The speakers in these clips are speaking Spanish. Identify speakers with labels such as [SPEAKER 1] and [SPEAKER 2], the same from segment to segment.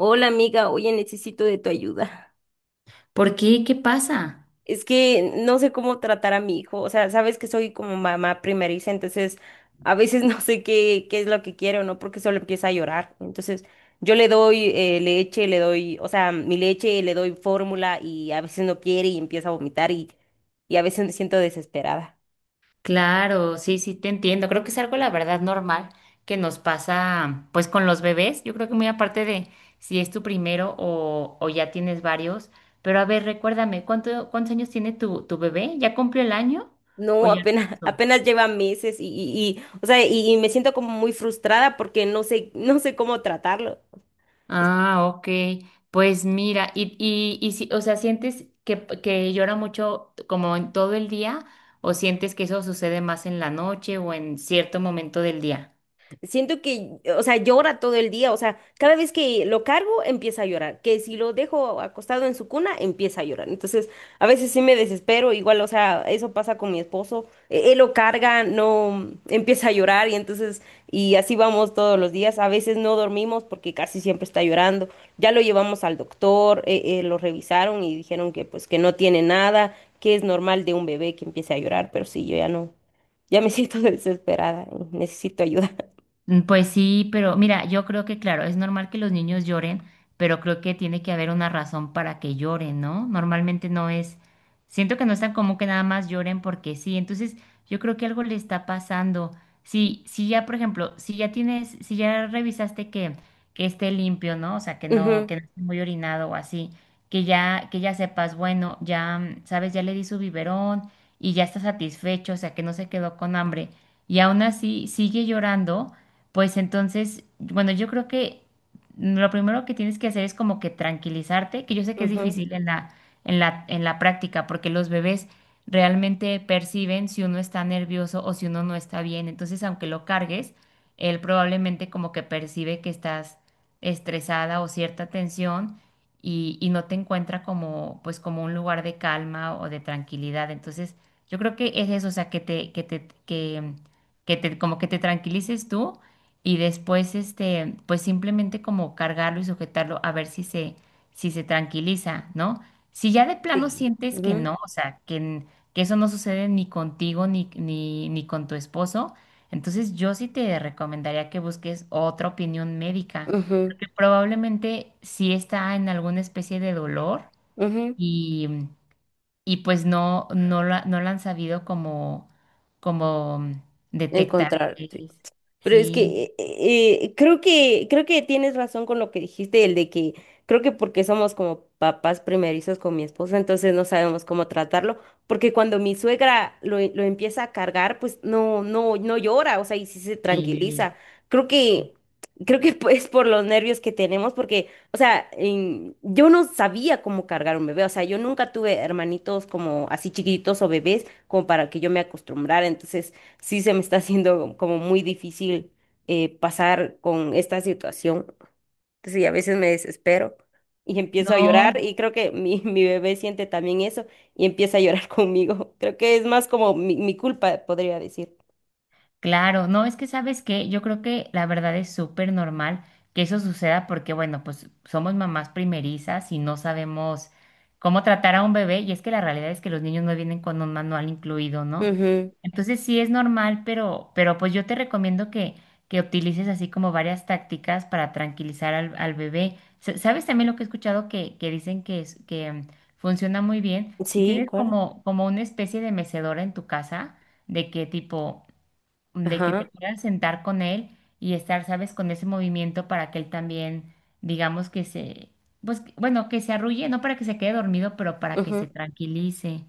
[SPEAKER 1] Hola amiga, oye, necesito de tu ayuda.
[SPEAKER 2] ¿Por qué? ¿Qué pasa?
[SPEAKER 1] Es que no sé cómo tratar a mi hijo, o sea, sabes que soy como mamá primeriza, entonces a veces no sé qué es lo que quiero, ¿no? Porque solo empieza a llorar. Entonces yo le doy leche, le doy, o sea, mi leche, le doy fórmula y a veces no quiere y empieza a vomitar y a veces me siento desesperada.
[SPEAKER 2] Claro, sí, sí, te entiendo. Creo que es algo, la verdad, normal que nos pasa, pues, con los bebés. Yo creo que muy aparte de si es tu primero o ya tienes varios. Pero a ver, recuérdame, ¿ cuántos años tiene tu bebé? ¿Ya cumplió el año o
[SPEAKER 1] No,
[SPEAKER 2] ya?
[SPEAKER 1] apenas,
[SPEAKER 2] ¿No?
[SPEAKER 1] apenas lleva meses o sea, y me siento como muy frustrada porque no sé cómo tratarlo.
[SPEAKER 2] Ah, ok. Pues mira, si, o sea, ¿ que llora mucho como en todo el día o sientes que eso sucede más en la noche o en cierto momento del día?
[SPEAKER 1] Siento que, o sea, llora todo el día, o sea, cada vez que lo cargo empieza a llorar, que si lo dejo acostado en su cuna empieza a llorar. Entonces, a veces sí me desespero, igual, o sea, eso pasa con mi esposo, él lo carga, no empieza a llorar y entonces, y así vamos todos los días. A veces no dormimos porque casi siempre está llorando. Ya lo llevamos al doctor, lo revisaron y dijeron que pues que no tiene nada, que es normal de un bebé que empiece a llorar, pero sí, yo ya no, ya me siento desesperada, y necesito ayuda.
[SPEAKER 2] Pues sí, pero mira, yo creo que claro, es normal que los niños lloren, pero creo que tiene que haber una razón para que lloren, ¿no? Normalmente no es, siento que no es tan común que nada más lloren porque sí. Entonces yo creo que algo le está pasando. Si, si ya, por ejemplo, si ya tienes, si ya revisaste que esté limpio, ¿no? O sea,
[SPEAKER 1] Ujú,
[SPEAKER 2] que no esté muy orinado o así, que ya sepas, bueno, ya, sabes, ya le di su biberón y ya está satisfecho, o sea, que no se quedó con hambre y aún así sigue llorando. Pues entonces, bueno, yo creo que lo primero que tienes que hacer es como que tranquilizarte, que yo sé que es
[SPEAKER 1] ujú,
[SPEAKER 2] difícil en la práctica, porque los bebés realmente perciben si uno está nervioso o si uno no está bien. Entonces, aunque lo cargues, él probablemente como que percibe que estás estresada o cierta tensión y no te encuentra como, pues, como un lugar de calma o de tranquilidad. Entonces, yo creo que es eso, o sea, que te, que te, que te, como que te tranquilices tú y después este, pues simplemente como cargarlo y sujetarlo a ver si se, si se tranquiliza, ¿no? Si ya de plano
[SPEAKER 1] sí,
[SPEAKER 2] sientes que
[SPEAKER 1] ujú,
[SPEAKER 2] no, o sea, que eso no sucede ni contigo ni con tu esposo, entonces yo sí te recomendaría que busques otra opinión médica,
[SPEAKER 1] ujú,
[SPEAKER 2] porque probablemente sí está en alguna especie de dolor
[SPEAKER 1] ujú.
[SPEAKER 2] y, y pues no, no la, no la han sabido como, como detectar.
[SPEAKER 1] Encontrar,
[SPEAKER 2] Que
[SPEAKER 1] sí.
[SPEAKER 2] es.
[SPEAKER 1] Pero es
[SPEAKER 2] Sí,
[SPEAKER 1] que creo que creo que tienes razón con lo que dijiste, el de que creo que porque somos como papás primerizos con mi esposa, entonces no sabemos cómo tratarlo, porque cuando mi suegra lo empieza a cargar, pues no llora, o sea, y sí se tranquiliza.
[SPEAKER 2] sí.
[SPEAKER 1] Creo que creo que es por los nervios que tenemos, porque, o sea, yo no sabía cómo cargar un bebé, o sea, yo nunca tuve hermanitos como así chiquitos o bebés como para que yo me acostumbrara, entonces sí se me está haciendo como muy difícil pasar con esta situación. Sí, a veces me desespero y empiezo a llorar
[SPEAKER 2] No.
[SPEAKER 1] y creo que mi, mi bebé siente también eso y empieza a llorar conmigo. Creo que es más como mi culpa, podría decir.
[SPEAKER 2] Claro, no, es que sabes que yo creo que la verdad es súper normal que eso suceda porque, bueno, pues somos mamás primerizas y no sabemos cómo tratar a un bebé, y es que la realidad es que los niños no vienen con un manual incluido, ¿no?
[SPEAKER 1] Ujú.
[SPEAKER 2] Entonces sí es normal, pero pues yo te recomiendo que utilices así como varias tácticas para tranquilizar al, al bebé. ¿Sabes también lo que he escuchado que dicen que, funciona muy bien? Si
[SPEAKER 1] Sí,
[SPEAKER 2] tienes
[SPEAKER 1] ¿cuál?
[SPEAKER 2] como, como una especie de mecedora en tu casa, de que tipo de que
[SPEAKER 1] Ajá.
[SPEAKER 2] te puedas sentar con él y estar, sabes, con ese movimiento para que él también, digamos que se, pues, bueno, que se arrulle, no para que se quede dormido, pero para que se
[SPEAKER 1] Ujú.
[SPEAKER 2] tranquilice,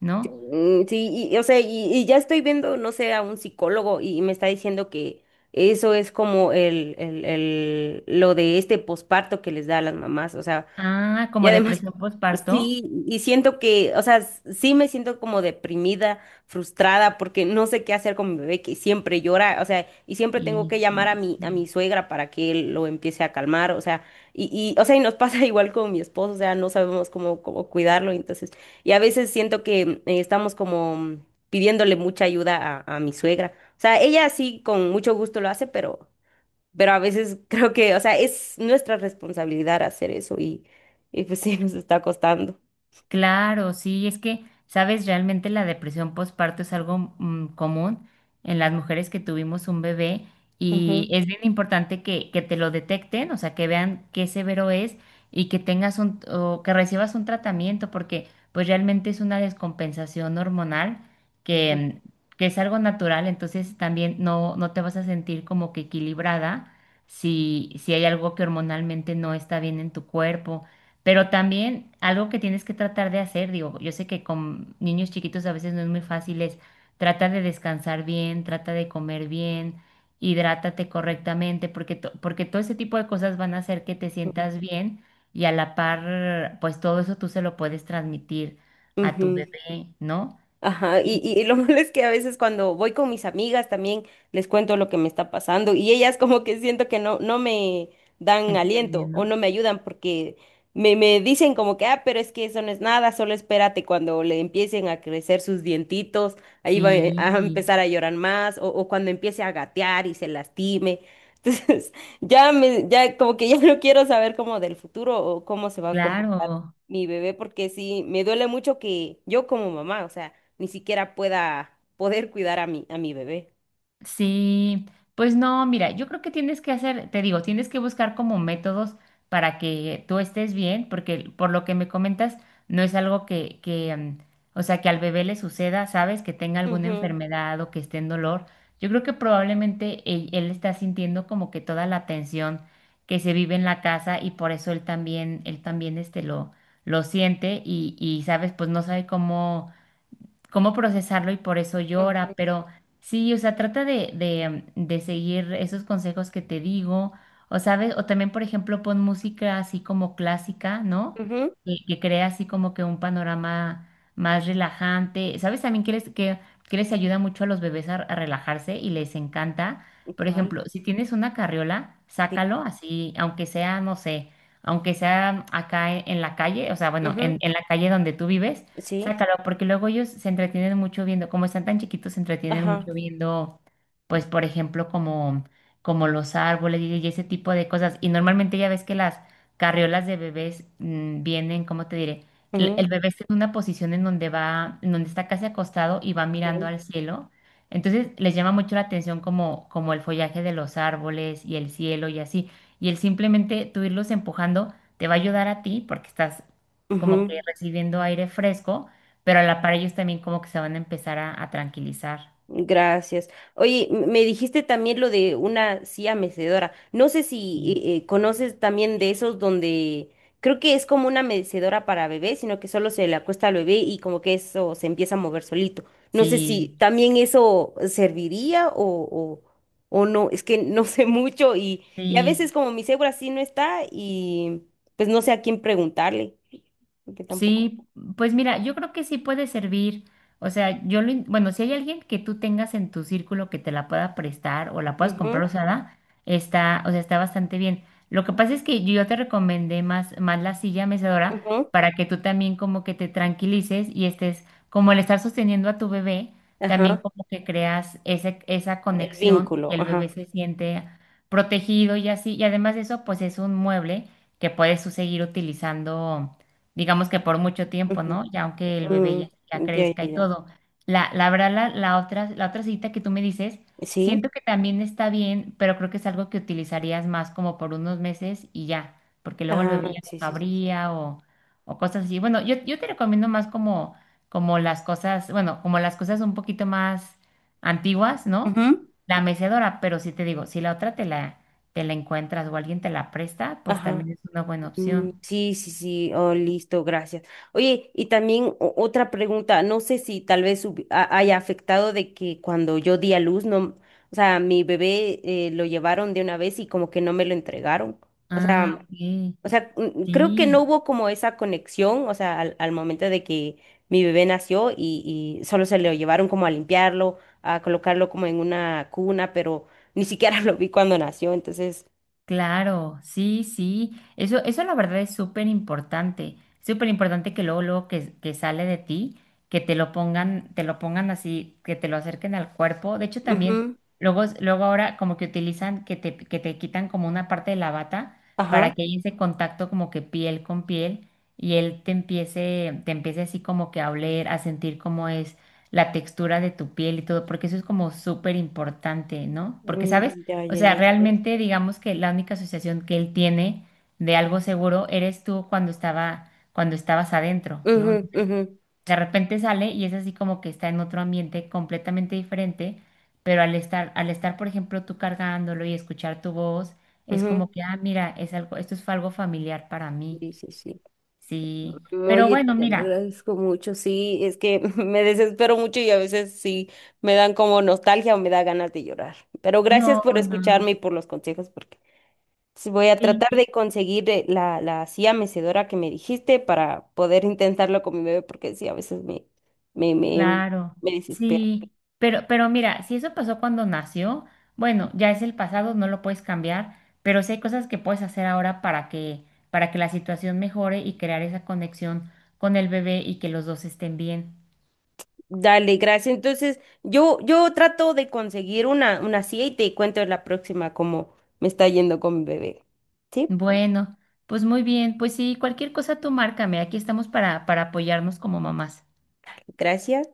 [SPEAKER 2] ¿no?
[SPEAKER 1] Mm, sí, o sea, y ya estoy viendo, no sé, a un psicólogo y me está diciendo que eso es como lo de este posparto que les da a las mamás, o sea,
[SPEAKER 2] Ah,
[SPEAKER 1] y
[SPEAKER 2] como
[SPEAKER 1] además,
[SPEAKER 2] depresión postparto.
[SPEAKER 1] sí, y siento que, o sea, sí me siento como deprimida, frustrada, porque no sé qué hacer con mi bebé que siempre llora, o sea, y siempre tengo
[SPEAKER 2] Y,
[SPEAKER 1] que llamar
[SPEAKER 2] y-
[SPEAKER 1] a mi suegra para que él lo empiece a calmar, o sea, y, o sea, y nos pasa igual con mi esposo, o sea, no sabemos cómo cuidarlo, entonces, y a veces siento que estamos como pidiéndole mucha ayuda a mi suegra. O sea, ella sí con mucho gusto lo hace, pero a veces creo que, o sea, es nuestra responsabilidad hacer eso y pues sí, nos está costando.
[SPEAKER 2] Claro, sí, es que, sabes, realmente la depresión postparto es algo común en las mujeres que tuvimos un bebé, y
[SPEAKER 1] Ujú,
[SPEAKER 2] es bien importante que te lo detecten, o sea, que vean qué severo es, y que tengas un, o que recibas un tratamiento, porque pues realmente es una descompensación hormonal
[SPEAKER 1] ujú,
[SPEAKER 2] que, mm, que es algo natural. Entonces también no, no te vas a sentir como que equilibrada si, si hay algo que hormonalmente no está bien en tu cuerpo. Pero también algo que tienes que tratar de hacer, digo, yo sé que con niños chiquitos a veces no es muy fácil, es trata de descansar bien, trata de comer bien, hidrátate correctamente, porque todo ese tipo de cosas van a hacer que te
[SPEAKER 1] ujú.
[SPEAKER 2] sientas bien, y a la par, pues todo eso tú se lo puedes transmitir a
[SPEAKER 1] Ujú.
[SPEAKER 2] tu bebé, ¿no?
[SPEAKER 1] Ajá,
[SPEAKER 2] Sí,
[SPEAKER 1] y lo malo es que a veces cuando voy con mis amigas también les cuento lo que me está pasando y ellas como que siento que no me dan
[SPEAKER 2] ¿entiendes,
[SPEAKER 1] aliento o
[SPEAKER 2] no?
[SPEAKER 1] no me ayudan porque me dicen como que, ah, pero es que eso no es nada, solo espérate cuando le empiecen a crecer sus dientitos, ahí va
[SPEAKER 2] Sí,
[SPEAKER 1] a empezar a llorar más o cuando empiece a gatear y se lastime. Entonces, ya me, ya como que ya no quiero saber como del futuro o cómo se va a comportar
[SPEAKER 2] claro.
[SPEAKER 1] mi bebé porque sí, me duele mucho que yo como mamá, o sea ni siquiera pueda poder cuidar a mi bebé.
[SPEAKER 2] Sí, pues no, mira, yo creo que tienes que hacer, te digo, tienes que buscar como métodos para que tú estés bien, porque por lo que me comentas, no es algo o sea, que al bebé le suceda, ¿sabes? Que tenga alguna
[SPEAKER 1] Ujú,
[SPEAKER 2] enfermedad o que esté en dolor. Yo creo que probablemente él está sintiendo como que toda la tensión que se vive en la casa, y por eso él también este lo siente y, ¿sabes? Pues no sabe cómo cómo procesarlo y por eso
[SPEAKER 1] ujú,
[SPEAKER 2] llora, pero sí, o sea, trata de seguir esos consejos que te digo, o sabes, o también, por ejemplo, pon música así como clásica, ¿no? Que crea así como que un panorama más relajante. ¿Sabes también que les ayuda mucho a los bebés a relajarse y les encanta?
[SPEAKER 1] ujú.
[SPEAKER 2] Por
[SPEAKER 1] ¿Cuál?
[SPEAKER 2] ejemplo, si tienes una carriola,
[SPEAKER 1] Sí.
[SPEAKER 2] sácalo así, aunque sea, no sé, aunque sea acá en la calle, o sea, bueno,
[SPEAKER 1] Ujú,
[SPEAKER 2] en la calle donde tú vives.
[SPEAKER 1] sí.
[SPEAKER 2] Sácalo, porque luego ellos se entretienen mucho viendo, como están tan chiquitos, se entretienen
[SPEAKER 1] Ajá.
[SPEAKER 2] mucho viendo, pues, por ejemplo, como, como los árboles y ese tipo de cosas. Y normalmente ya ves que las carriolas de bebés vienen, ¿cómo te diré? El,
[SPEAKER 1] Ujú,
[SPEAKER 2] el bebé está en una posición en donde va, en donde está casi acostado y va mirando
[SPEAKER 1] sí.
[SPEAKER 2] al cielo. Entonces les llama mucho la atención como, como el follaje de los árboles y el cielo y así. Y el simplemente tú irlos empujando te va a ayudar a ti porque estás como que
[SPEAKER 1] Ujú.
[SPEAKER 2] recibiendo aire fresco, pero a la par ellos también como que se van a empezar a tranquilizar.
[SPEAKER 1] Gracias. Oye, me dijiste también lo de una silla mecedora. No sé si
[SPEAKER 2] Sí.
[SPEAKER 1] conoces también de esos donde creo que es como una mecedora para bebé, sino que solo se le acuesta al bebé y como que eso se empieza a mover solito. No sé si
[SPEAKER 2] Sí,
[SPEAKER 1] también eso serviría o no. Es que no sé mucho y a
[SPEAKER 2] sí.
[SPEAKER 1] veces como mi cebra sí no está y pues no sé a quién preguntarle, porque tampoco.
[SPEAKER 2] Sí, pues mira, yo creo que sí puede servir. O sea, yo lo, bueno, si hay alguien que tú tengas en tu círculo que te la pueda prestar o la puedas
[SPEAKER 1] Ujú,
[SPEAKER 2] comprar usada, está, o sea, está bastante bien. Lo que pasa es que yo te recomendé más la silla mecedora
[SPEAKER 1] ujú.
[SPEAKER 2] para que tú también como que te tranquilices y estés, como el estar sosteniendo a tu bebé, también
[SPEAKER 1] Ajá.
[SPEAKER 2] como que creas ese, esa
[SPEAKER 1] El
[SPEAKER 2] conexión,
[SPEAKER 1] vínculo.
[SPEAKER 2] y el bebé
[SPEAKER 1] Ajá.
[SPEAKER 2] se siente protegido y así. Y además de eso, pues es un mueble que puedes tú seguir utilizando digamos que por mucho tiempo, ¿no? Ya aunque el bebé
[SPEAKER 1] Mm,
[SPEAKER 2] ya, ya
[SPEAKER 1] ya,
[SPEAKER 2] crezca
[SPEAKER 1] ya,
[SPEAKER 2] y
[SPEAKER 1] ya.
[SPEAKER 2] todo. La la otra cita que tú me dices,
[SPEAKER 1] ¿Sí?
[SPEAKER 2] siento que también está bien, pero creo que es algo que utilizarías más como por unos meses y ya, porque luego el
[SPEAKER 1] Ajá,
[SPEAKER 2] bebé ya no
[SPEAKER 1] sí, sí, sí.
[SPEAKER 2] cabría o cosas así. Bueno, yo te recomiendo más como, como las cosas, bueno, como las cosas un poquito más antiguas, ¿no?
[SPEAKER 1] Ujú,
[SPEAKER 2] La mecedora, pero sí te digo, si la otra te la encuentras o alguien te la presta, pues
[SPEAKER 1] ajá.
[SPEAKER 2] también es una buena
[SPEAKER 1] Mm,
[SPEAKER 2] opción.
[SPEAKER 1] sí, sí, sí, oh, listo, gracias. Oye, y también otra pregunta, no sé si tal vez haya afectado de que cuando yo di a luz, no, o sea, mi bebé lo llevaron de una vez y como que no me lo entregaron. O
[SPEAKER 2] Ah,
[SPEAKER 1] sea,
[SPEAKER 2] ok.
[SPEAKER 1] o sea, creo que no
[SPEAKER 2] Sí,
[SPEAKER 1] hubo como esa conexión, o sea, al momento de que mi bebé nació y solo se lo llevaron como a limpiarlo, a colocarlo como en una cuna, pero ni siquiera lo vi cuando nació, entonces,
[SPEAKER 2] claro, sí, sí. Eso la verdad es súper importante. Súper importante que luego, luego que sale de ti, que te lo pongan así, que te lo acerquen al cuerpo. De hecho, también,
[SPEAKER 1] ujú,
[SPEAKER 2] luego, luego ahora como que utilizan, que te quitan como una parte de la bata
[SPEAKER 1] ajá.
[SPEAKER 2] para que haya ese contacto como que piel con piel, y él te empiece así como que a oler, a sentir cómo es la textura de tu piel y todo, porque eso es como súper importante, ¿no? Porque
[SPEAKER 1] Mm,
[SPEAKER 2] sabes
[SPEAKER 1] ya,
[SPEAKER 2] O
[SPEAKER 1] ya,
[SPEAKER 2] sea,
[SPEAKER 1] ya, sí.
[SPEAKER 2] realmente digamos que la única asociación que él tiene de algo seguro eres tú cuando estaba, cuando estabas adentro,
[SPEAKER 1] Ujú,
[SPEAKER 2] ¿no?
[SPEAKER 1] ujú,
[SPEAKER 2] De repente sale y es así como que está en otro ambiente completamente diferente, pero al estar, por ejemplo, tú cargándolo y escuchar tu voz, es como
[SPEAKER 1] ujú.
[SPEAKER 2] que, ah, mira, es algo, esto fue algo familiar para mí.
[SPEAKER 1] Sí, sí, sí.
[SPEAKER 2] Sí. Pero
[SPEAKER 1] Oye,
[SPEAKER 2] bueno,
[SPEAKER 1] te lo
[SPEAKER 2] mira,
[SPEAKER 1] agradezco mucho. Sí, es que me desespero mucho y a veces sí me dan como nostalgia o me da ganas de llorar. Pero gracias
[SPEAKER 2] no,
[SPEAKER 1] por
[SPEAKER 2] no.
[SPEAKER 1] escucharme y por los consejos, porque sí voy a tratar
[SPEAKER 2] Sí.
[SPEAKER 1] de conseguir la, la silla mecedora que me dijiste para poder intentarlo con mi bebé, porque sí, a veces me, me,
[SPEAKER 2] Claro,
[SPEAKER 1] me desespero.
[SPEAKER 2] sí, pero mira, si eso pasó cuando nació, bueno, ya es el pasado, no lo puedes cambiar, pero sí hay cosas que puedes hacer ahora para que la situación mejore y crear esa conexión con el bebé, y que los dos estén bien.
[SPEAKER 1] Dale, gracias. Entonces, yo trato de conseguir una silla y te cuento la próxima cómo me está yendo con mi bebé. ¿Sí?
[SPEAKER 2] Bueno, pues muy bien, pues sí, cualquier cosa tú márcame, aquí estamos para apoyarnos como mamás.
[SPEAKER 1] Gracias.